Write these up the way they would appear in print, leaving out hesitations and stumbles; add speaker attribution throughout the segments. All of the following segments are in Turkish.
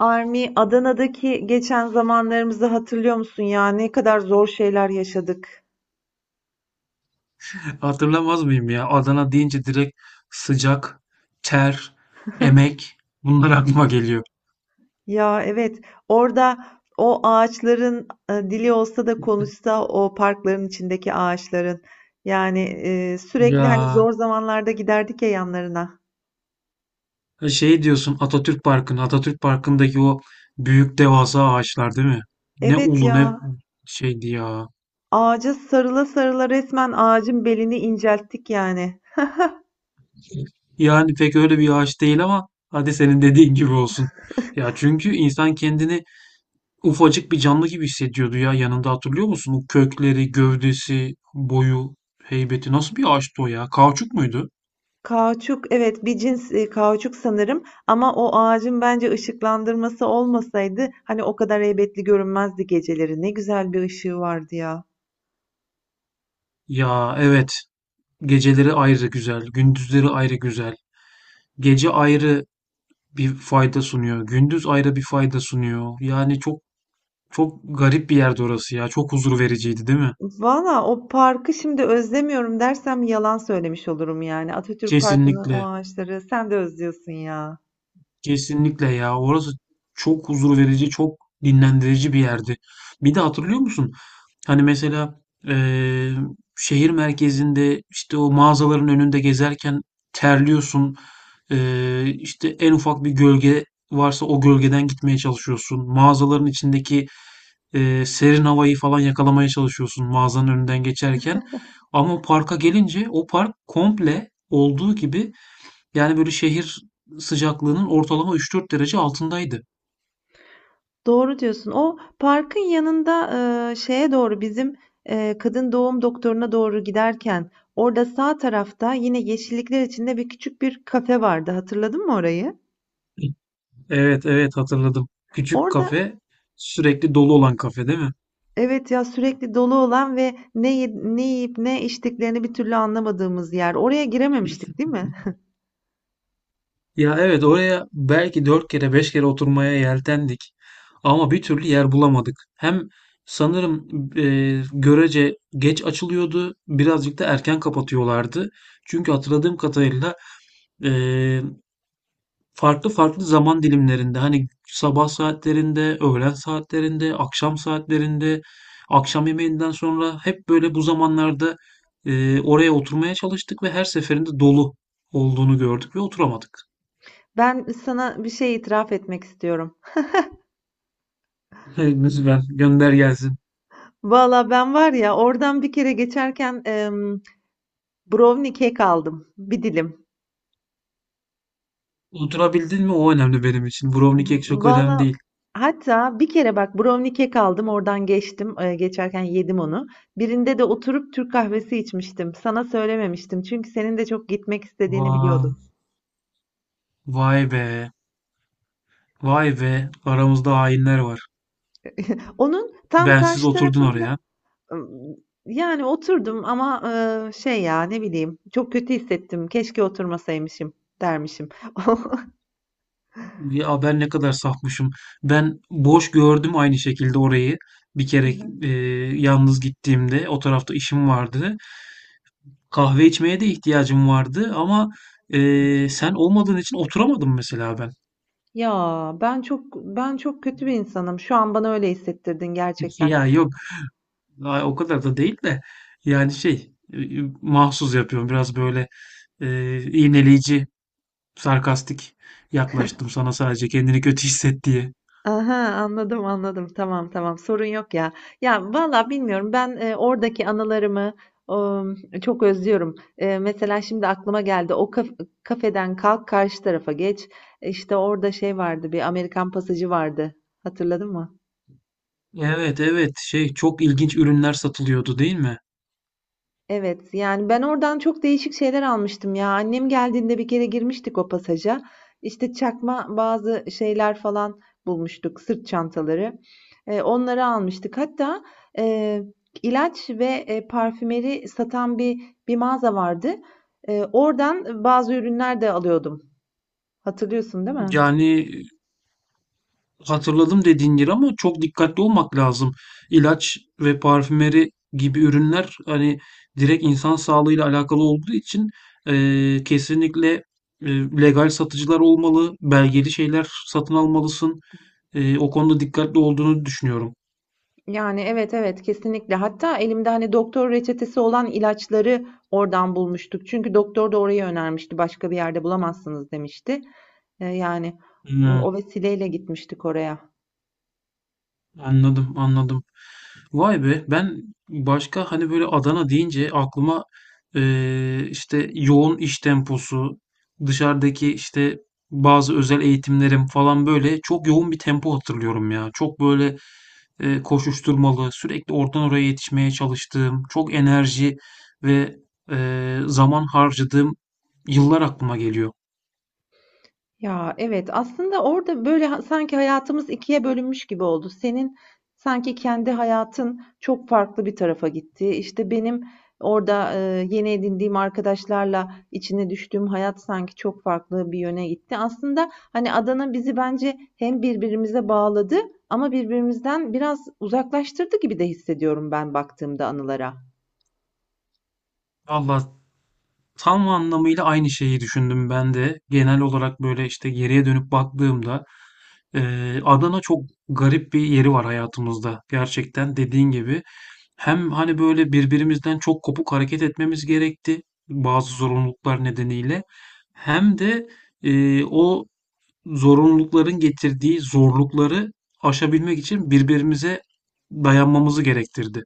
Speaker 1: Armi, Adana'daki geçen zamanlarımızı hatırlıyor musun ya? Ne kadar zor şeyler yaşadık.
Speaker 2: Hatırlamaz mıyım ya? Adana deyince direkt sıcak, ter, emek bunlar aklıma geliyor.
Speaker 1: Ya evet, orada o ağaçların dili olsa da konuşsa o parkların içindeki ağaçların. Yani sürekli hani
Speaker 2: Ya
Speaker 1: zor zamanlarda giderdik ya yanlarına.
Speaker 2: şey diyorsun Atatürk Parkı'nı, Atatürk Parkı'ndaki o büyük devasa ağaçlar değil mi? Ne
Speaker 1: Evet
Speaker 2: ulu ne
Speaker 1: ya,
Speaker 2: şeydi ya.
Speaker 1: ağaca sarıla sarıla resmen ağacın belini incelttik yani.
Speaker 2: Yani pek öyle bir ağaç değil ama hadi senin dediğin gibi olsun. Ya çünkü insan kendini ufacık bir canlı gibi hissediyordu ya yanında hatırlıyor musun? O kökleri, gövdesi, boyu, heybeti nasıl bir ağaçtı o ya? Kauçuk muydu?
Speaker 1: Kauçuk, evet bir cins kauçuk sanırım ama o ağacın bence ışıklandırması olmasaydı hani o kadar heybetli görünmezdi geceleri. Ne güzel bir ışığı vardı ya.
Speaker 2: Ya, evet. Geceleri ayrı güzel, gündüzleri ayrı güzel. Gece ayrı bir fayda sunuyor, gündüz ayrı bir fayda sunuyor. Yani çok çok garip bir yerdi orası ya. Çok huzur vericiydi, değil mi?
Speaker 1: Valla o parkı şimdi özlemiyorum dersem yalan söylemiş olurum yani. Atatürk Parkı'nın o
Speaker 2: Kesinlikle.
Speaker 1: ağaçları sen de özlüyorsun ya.
Speaker 2: Kesinlikle ya. Orası çok huzur verici, çok dinlendirici bir yerdi. Bir de hatırlıyor musun? Hani, mesela, eee, şehir merkezinde, işte, o mağazaların önünde gezerken terliyorsun. İşte, en ufak bir gölge varsa o gölgeden gitmeye çalışıyorsun. Mağazaların içindeki, serin havayı falan yakalamaya çalışıyorsun mağazanın önünden geçerken. Ama parka gelince o park komple olduğu gibi, yani, böyle, şehir sıcaklığının ortalama 3-4 derece altındaydı.
Speaker 1: Doğru diyorsun. O parkın yanında, şeye doğru bizim, kadın doğum doktoruna doğru giderken orada sağ tarafta yine yeşillikler içinde bir küçük bir kafe vardı. Hatırladın mı orayı?
Speaker 2: Evet, evet, hatırladım. Küçük
Speaker 1: Orada
Speaker 2: kafe, sürekli dolu olan kafe, değil mi?
Speaker 1: evet ya sürekli dolu olan ve ne yiyip ne içtiklerini bir türlü anlamadığımız yer. Oraya girememiştik, değil mi?
Speaker 2: Ya, evet, oraya belki dört kere beş kere oturmaya yeltendik ama bir türlü yer bulamadık. Hem sanırım görece geç açılıyordu, birazcık da erken kapatıyorlardı. Çünkü hatırladığım kadarıyla e, farklı farklı zaman dilimlerinde hani sabah saatlerinde, öğlen saatlerinde, akşam saatlerinde, akşam yemeğinden sonra hep böyle bu zamanlarda oraya oturmaya çalıştık ve her seferinde dolu olduğunu gördük ve oturamadık.
Speaker 1: Ben sana bir şey itiraf etmek istiyorum.
Speaker 2: Hey, lütfen gönder gelsin.
Speaker 1: Valla ben var ya oradan bir kere geçerken brownie kek aldım. Bir dilim.
Speaker 2: Oturabildin mi? O önemli benim için. Brownie kek çok önemli
Speaker 1: Valla
Speaker 2: değil.
Speaker 1: hatta bir kere bak brownie kek aldım oradan geçtim. Geçerken yedim onu. Birinde de oturup Türk kahvesi içmiştim. Sana söylememiştim. Çünkü senin de çok gitmek istediğini
Speaker 2: Vay,
Speaker 1: biliyordum.
Speaker 2: vay be. Vay be. Aramızda hainler var.
Speaker 1: Onun tam
Speaker 2: Bensiz
Speaker 1: karşı
Speaker 2: oturdun
Speaker 1: tarafında
Speaker 2: oraya.
Speaker 1: Imm, yani oturdum ama, şey ya, ne bileyim, çok kötü hissettim. Keşke oturmasaymışım dermişim.
Speaker 2: Ya ben ne kadar safmışım. Ben boş gördüm aynı şekilde orayı. Bir
Speaker 1: Hı
Speaker 2: kere
Speaker 1: hı.
Speaker 2: e, yalnız gittiğimde o tarafta işim vardı. Kahve içmeye de ihtiyacım vardı ama sen olmadığın için oturamadım mesela ben.
Speaker 1: Ya, ben çok kötü bir insanım. Şu an bana öyle hissettirdin gerçekten.
Speaker 2: Ya yok, ay, o kadar da değil de yani şey, mahsus yapıyorum biraz böyle iğneleyici, sarkastik yaklaştım sana sadece kendini kötü hisset diye.
Speaker 1: Aha, anladım anladım. Tamam tamam. Sorun yok ya. Ya valla bilmiyorum. Ben oradaki anılarımı ım, çok özlüyorum. E, mesela şimdi aklıma geldi. Kafeden kalk karşı tarafa geç. İşte orada şey vardı. Bir Amerikan pasajı vardı. Hatırladın mı?
Speaker 2: Evet, evet, şey, çok ilginç ürünler satılıyordu değil mi?
Speaker 1: Evet, yani ben oradan çok değişik şeyler almıştım ya. Annem geldiğinde bir kere girmiştik o pasaja. İşte çakma bazı şeyler falan bulmuştuk, sırt çantaları. E, onları almıştık. Hatta e, ilaç ve parfümeri satan bir mağaza vardı. E, oradan bazı ürünler de alıyordum. Hatırlıyorsun, değil mi?
Speaker 2: Yani, hatırladım dediğin yeri ama çok dikkatli olmak lazım. İlaç ve parfümeri gibi ürünler hani direkt insan sağlığıyla alakalı olduğu için kesinlikle eee, legal satıcılar olmalı, belgeli şeyler satın almalısın. O konuda dikkatli olduğunu düşünüyorum.
Speaker 1: Yani, evet, evet, kesinlikle. Hatta elimde, hani, doktor reçetesi olan ilaçları oradan bulmuştuk. Çünkü doktor da orayı önermişti. "Başka bir yerde bulamazsınız." demişti. Yani,
Speaker 2: Hmm.
Speaker 1: o vesileyle gitmiştik oraya.
Speaker 2: Anladım, anladım. Vay be, ben başka hani böyle Adana deyince aklıma işte yoğun iş temposu, dışarıdaki işte bazı özel eğitimlerim falan böyle çok yoğun bir tempo hatırlıyorum ya. Çok böyle koşuşturmalı, sürekli oradan oraya yetişmeye çalıştığım, çok enerji ve zaman harcadığım yıllar aklıma geliyor.
Speaker 1: Ya evet aslında orada böyle sanki hayatımız ikiye bölünmüş gibi oldu. Senin sanki kendi hayatın çok farklı bir tarafa gitti. İşte benim orada yeni edindiğim arkadaşlarla içine düştüğüm hayat sanki çok farklı bir yöne gitti. Aslında hani Adana bizi bence hem birbirimize bağladı ama birbirimizden biraz uzaklaştırdı gibi de hissediyorum ben baktığımda anılara.
Speaker 2: Allah! Tam anlamıyla aynı şeyi düşündüm ben de. Genel olarak böyle işte geriye dönüp baktığımda Adana çok garip bir yeri var hayatımızda. Gerçekten dediğin gibi hem hani böyle birbirimizden çok kopuk hareket etmemiz gerekti, bazı zorunluluklar nedeniyle. Hem de o zorunlulukların getirdiği zorlukları aşabilmek için birbirimize dayanmamızı gerektirdi.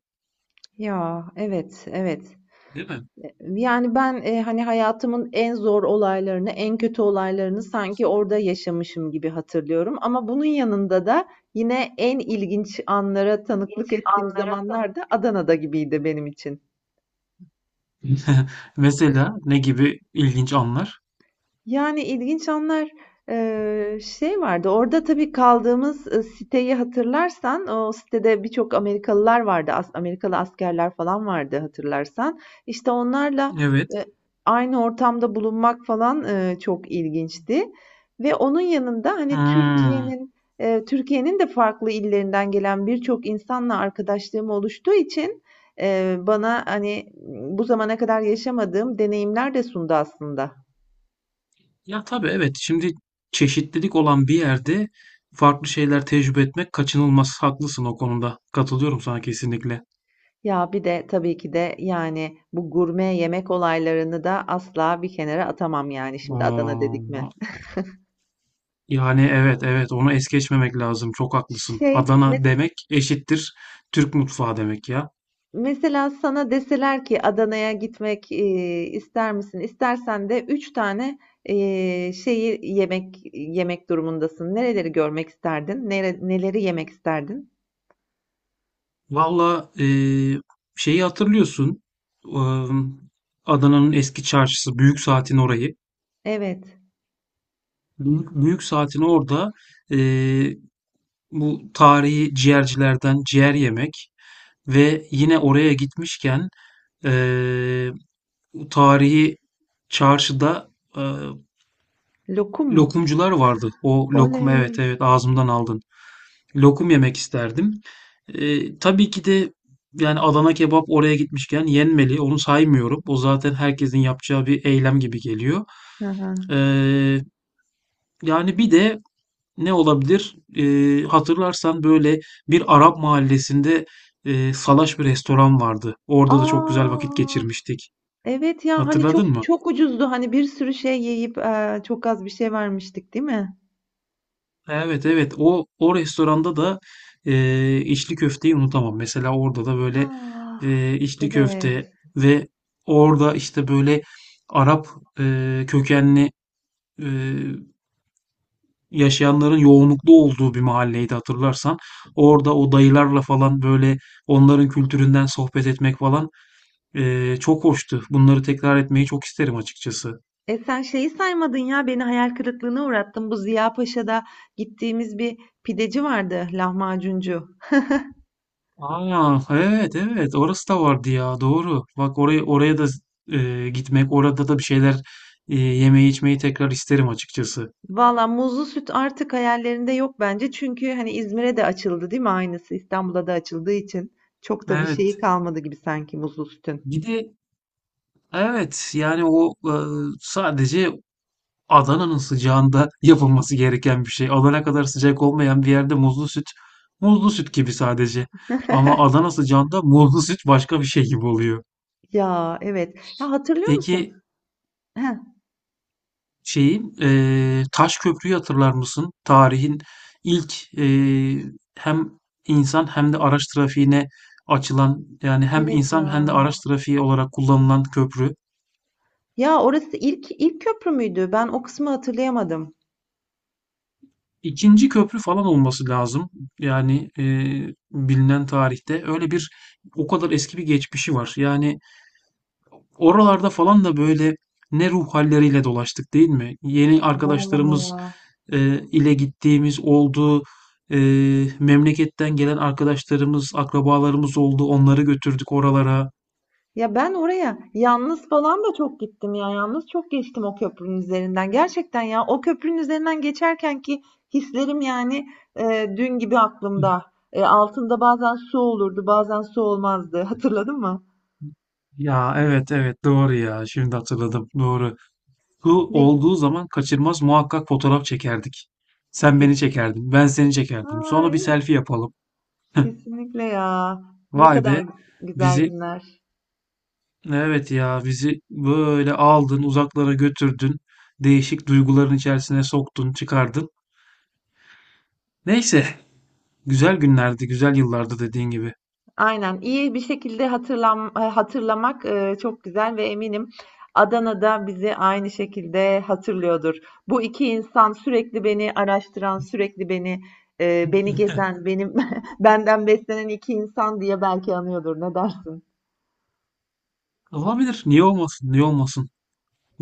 Speaker 1: Ya evet, evet.
Speaker 2: Değil mi?
Speaker 1: Yani ben, hani, hayatımın en zor olaylarını, en kötü olaylarını sanki orada yaşamışım gibi hatırlıyorum ama bunun yanında da yine en ilginç anlara tanıklık ettiğim zamanlar da Adana'da gibiydi benim için.
Speaker 2: Mesela ne gibi ilginç anlar?
Speaker 1: Yani, ilginç anlar. Şey vardı, orada tabii kaldığımız, siteyi hatırlarsan, o sitede birçok Amerikalılar vardı. Amerikalı askerler falan vardı hatırlarsan. İşte, onlarla,
Speaker 2: Evet.
Speaker 1: eee, aynı ortamda bulunmak falan, çok ilginçti ve onun yanında, hani,
Speaker 2: Hmm.
Speaker 1: Türkiye'nin de farklı illerinden gelen birçok insanla arkadaşlığım oluştuğu için, bana, hani, bu zamana kadar yaşamadığım deneyimler de sundu aslında.
Speaker 2: Ya, tabii, evet, şimdi çeşitlilik olan bir yerde farklı şeyler tecrübe etmek kaçınılmaz. Haklısın o konuda. Katılıyorum sana kesinlikle.
Speaker 1: Ya, bir de tabii ki de, yani, bu gurme yemek olaylarını da asla bir kenara atamam, yani, şimdi Adana dedik mi.
Speaker 2: Aa, yani, evet, evet, onu es geçmemek lazım. Çok haklısın.
Speaker 1: Şey, mes
Speaker 2: Adana demek eşittir Türk mutfağı demek ya.
Speaker 1: Mesela sana deseler ki Adana'ya gitmek, ister misin? İstersen de 3 tane, şeyi yemek durumundasın. Nereleri görmek isterdin? Neleri yemek isterdin?
Speaker 2: Valla, şeyi hatırlıyorsun. Am, Adana'nın eski çarşısı Büyük Saat'in orayı.
Speaker 1: Evet.
Speaker 2: Büyük Saat'in orada eee, bu tarihi ciğercilerden ciğer yemek. Ve yine oraya gitmişken eee, tarihi çarşıda eee,
Speaker 1: Lokum mu?
Speaker 2: lokumcular vardı. O lokum, evet,
Speaker 1: Oley!
Speaker 2: evet, ağzımdan aldın. Lokum yemek isterdim. Tabii ki de, yani Adana kebap oraya gitmişken yenmeli. Onu saymıyorum. O zaten herkesin yapacağı bir eylem gibi geliyor.
Speaker 1: Hı hı.
Speaker 2: Eee, yani bir de ne olabilir? Hatırlarsan böyle bir Arap mahallesinde salaş bir restoran vardı.
Speaker 1: A!
Speaker 2: Orada da çok güzel vakit geçirmiştik.
Speaker 1: Evet ya hani
Speaker 2: Hatırladın
Speaker 1: çok
Speaker 2: mı?
Speaker 1: çok ucuzdu hani bir sürü şey yiyip çok az bir şey vermiştik değil mi?
Speaker 2: Evet, evet, o restoranda da içli köfteyi unutamam. Mesela orada da böyle
Speaker 1: Ah,
Speaker 2: içli köfte
Speaker 1: evet.
Speaker 2: ve orada işte böyle Arap kökenli e, yaşayanların yoğunluklu olduğu bir mahalleydi hatırlarsan. Orada o dayılarla falan böyle onların kültüründen sohbet etmek falan çok hoştu. Bunları tekrar etmeyi çok isterim açıkçası.
Speaker 1: E sen şeyi saymadın ya beni hayal kırıklığına uğrattın. Bu Ziya Paşa'da gittiğimiz bir pideci vardı, lahmacuncu.
Speaker 2: Aa, evet, evet, orası da vardı ya, doğru. Bak, oraya da gitmek, orada da bir şeyler yemeği içmeyi tekrar isterim açıkçası.
Speaker 1: Valla muzlu süt artık hayallerinde yok bence. Çünkü hani İzmir'e de açıldı değil mi aynısı? İstanbul'a da açıldığı için çok da bir şeyi
Speaker 2: Evet.
Speaker 1: kalmadı gibi sanki muzlu sütün.
Speaker 2: Bir de, evet, yani o, sadece Adana'nın sıcağında yapılması gereken bir şey. Adana kadar sıcak olmayan bir yerde muzlu süt muzlu süt gibi sadece. Ama Adana sıcağında muzlu süt başka bir şey gibi oluyor.
Speaker 1: Ya evet. Ya hatırlıyor
Speaker 2: Peki,
Speaker 1: musun? Heh,
Speaker 2: şeyi, Taş Köprü'yü hatırlar mısın? Tarihin ilk, hem insan hem de araç trafiğine açılan, yani hem
Speaker 1: evet
Speaker 2: insan hem
Speaker 1: ya.
Speaker 2: de araç trafiği olarak kullanılan köprü.
Speaker 1: Ya orası ilk köprü müydü? Ben o kısmı hatırlayamadım.
Speaker 2: 2. köprü falan olması lazım. Yani, bilinen tarihte. Öyle bir o kadar eski bir geçmişi var. Yani, oralarda falan da böyle ne ruh halleriyle dolaştık değil mi? Yeni
Speaker 1: Vallahi
Speaker 2: arkadaşlarımız
Speaker 1: ya.
Speaker 2: ile gittiğimiz oldu. E, memleketten gelen arkadaşlarımız, akrabalarımız oldu. Onları götürdük oralara.
Speaker 1: Ya ben oraya yalnız falan da çok gittim ya. Yalnız çok geçtim o köprünün üzerinden. Gerçekten ya o köprünün üzerinden geçerken ki hislerim yani dün gibi aklımda. E, altında bazen su olurdu, bazen su olmazdı. Hatırladın mı?
Speaker 2: Ya, evet, evet, doğru ya. Şimdi hatırladım. Doğru. Bu
Speaker 1: Ne
Speaker 2: olduğu zaman kaçırmaz muhakkak fotoğraf çekerdik. Sen beni
Speaker 1: kes-
Speaker 2: çekerdin, ben seni çekerdim. Sonra
Speaker 1: Ay,
Speaker 2: bir selfie yapalım.
Speaker 1: kesinlikle ya. Ne
Speaker 2: Vay be.
Speaker 1: kadar güzel
Speaker 2: Bizi
Speaker 1: günler.
Speaker 2: Evet ya bizi böyle aldın uzaklara götürdün. Değişik duyguların içerisine soktun çıkardın. Neyse, güzel günlerdi, güzel yıllardı dediğin gibi.
Speaker 1: Aynen. İyi bir şekilde hatırlamak, çok güzel ve eminim Adana da bizi aynı şekilde hatırlıyordur. Bu 2 insan sürekli beni araştıran, sürekli beni beni gezen, benim benden beslenen 2 insan diye belki anıyordur. Ne dersin?
Speaker 2: Olabilir, niye olmasın, niye olmasın.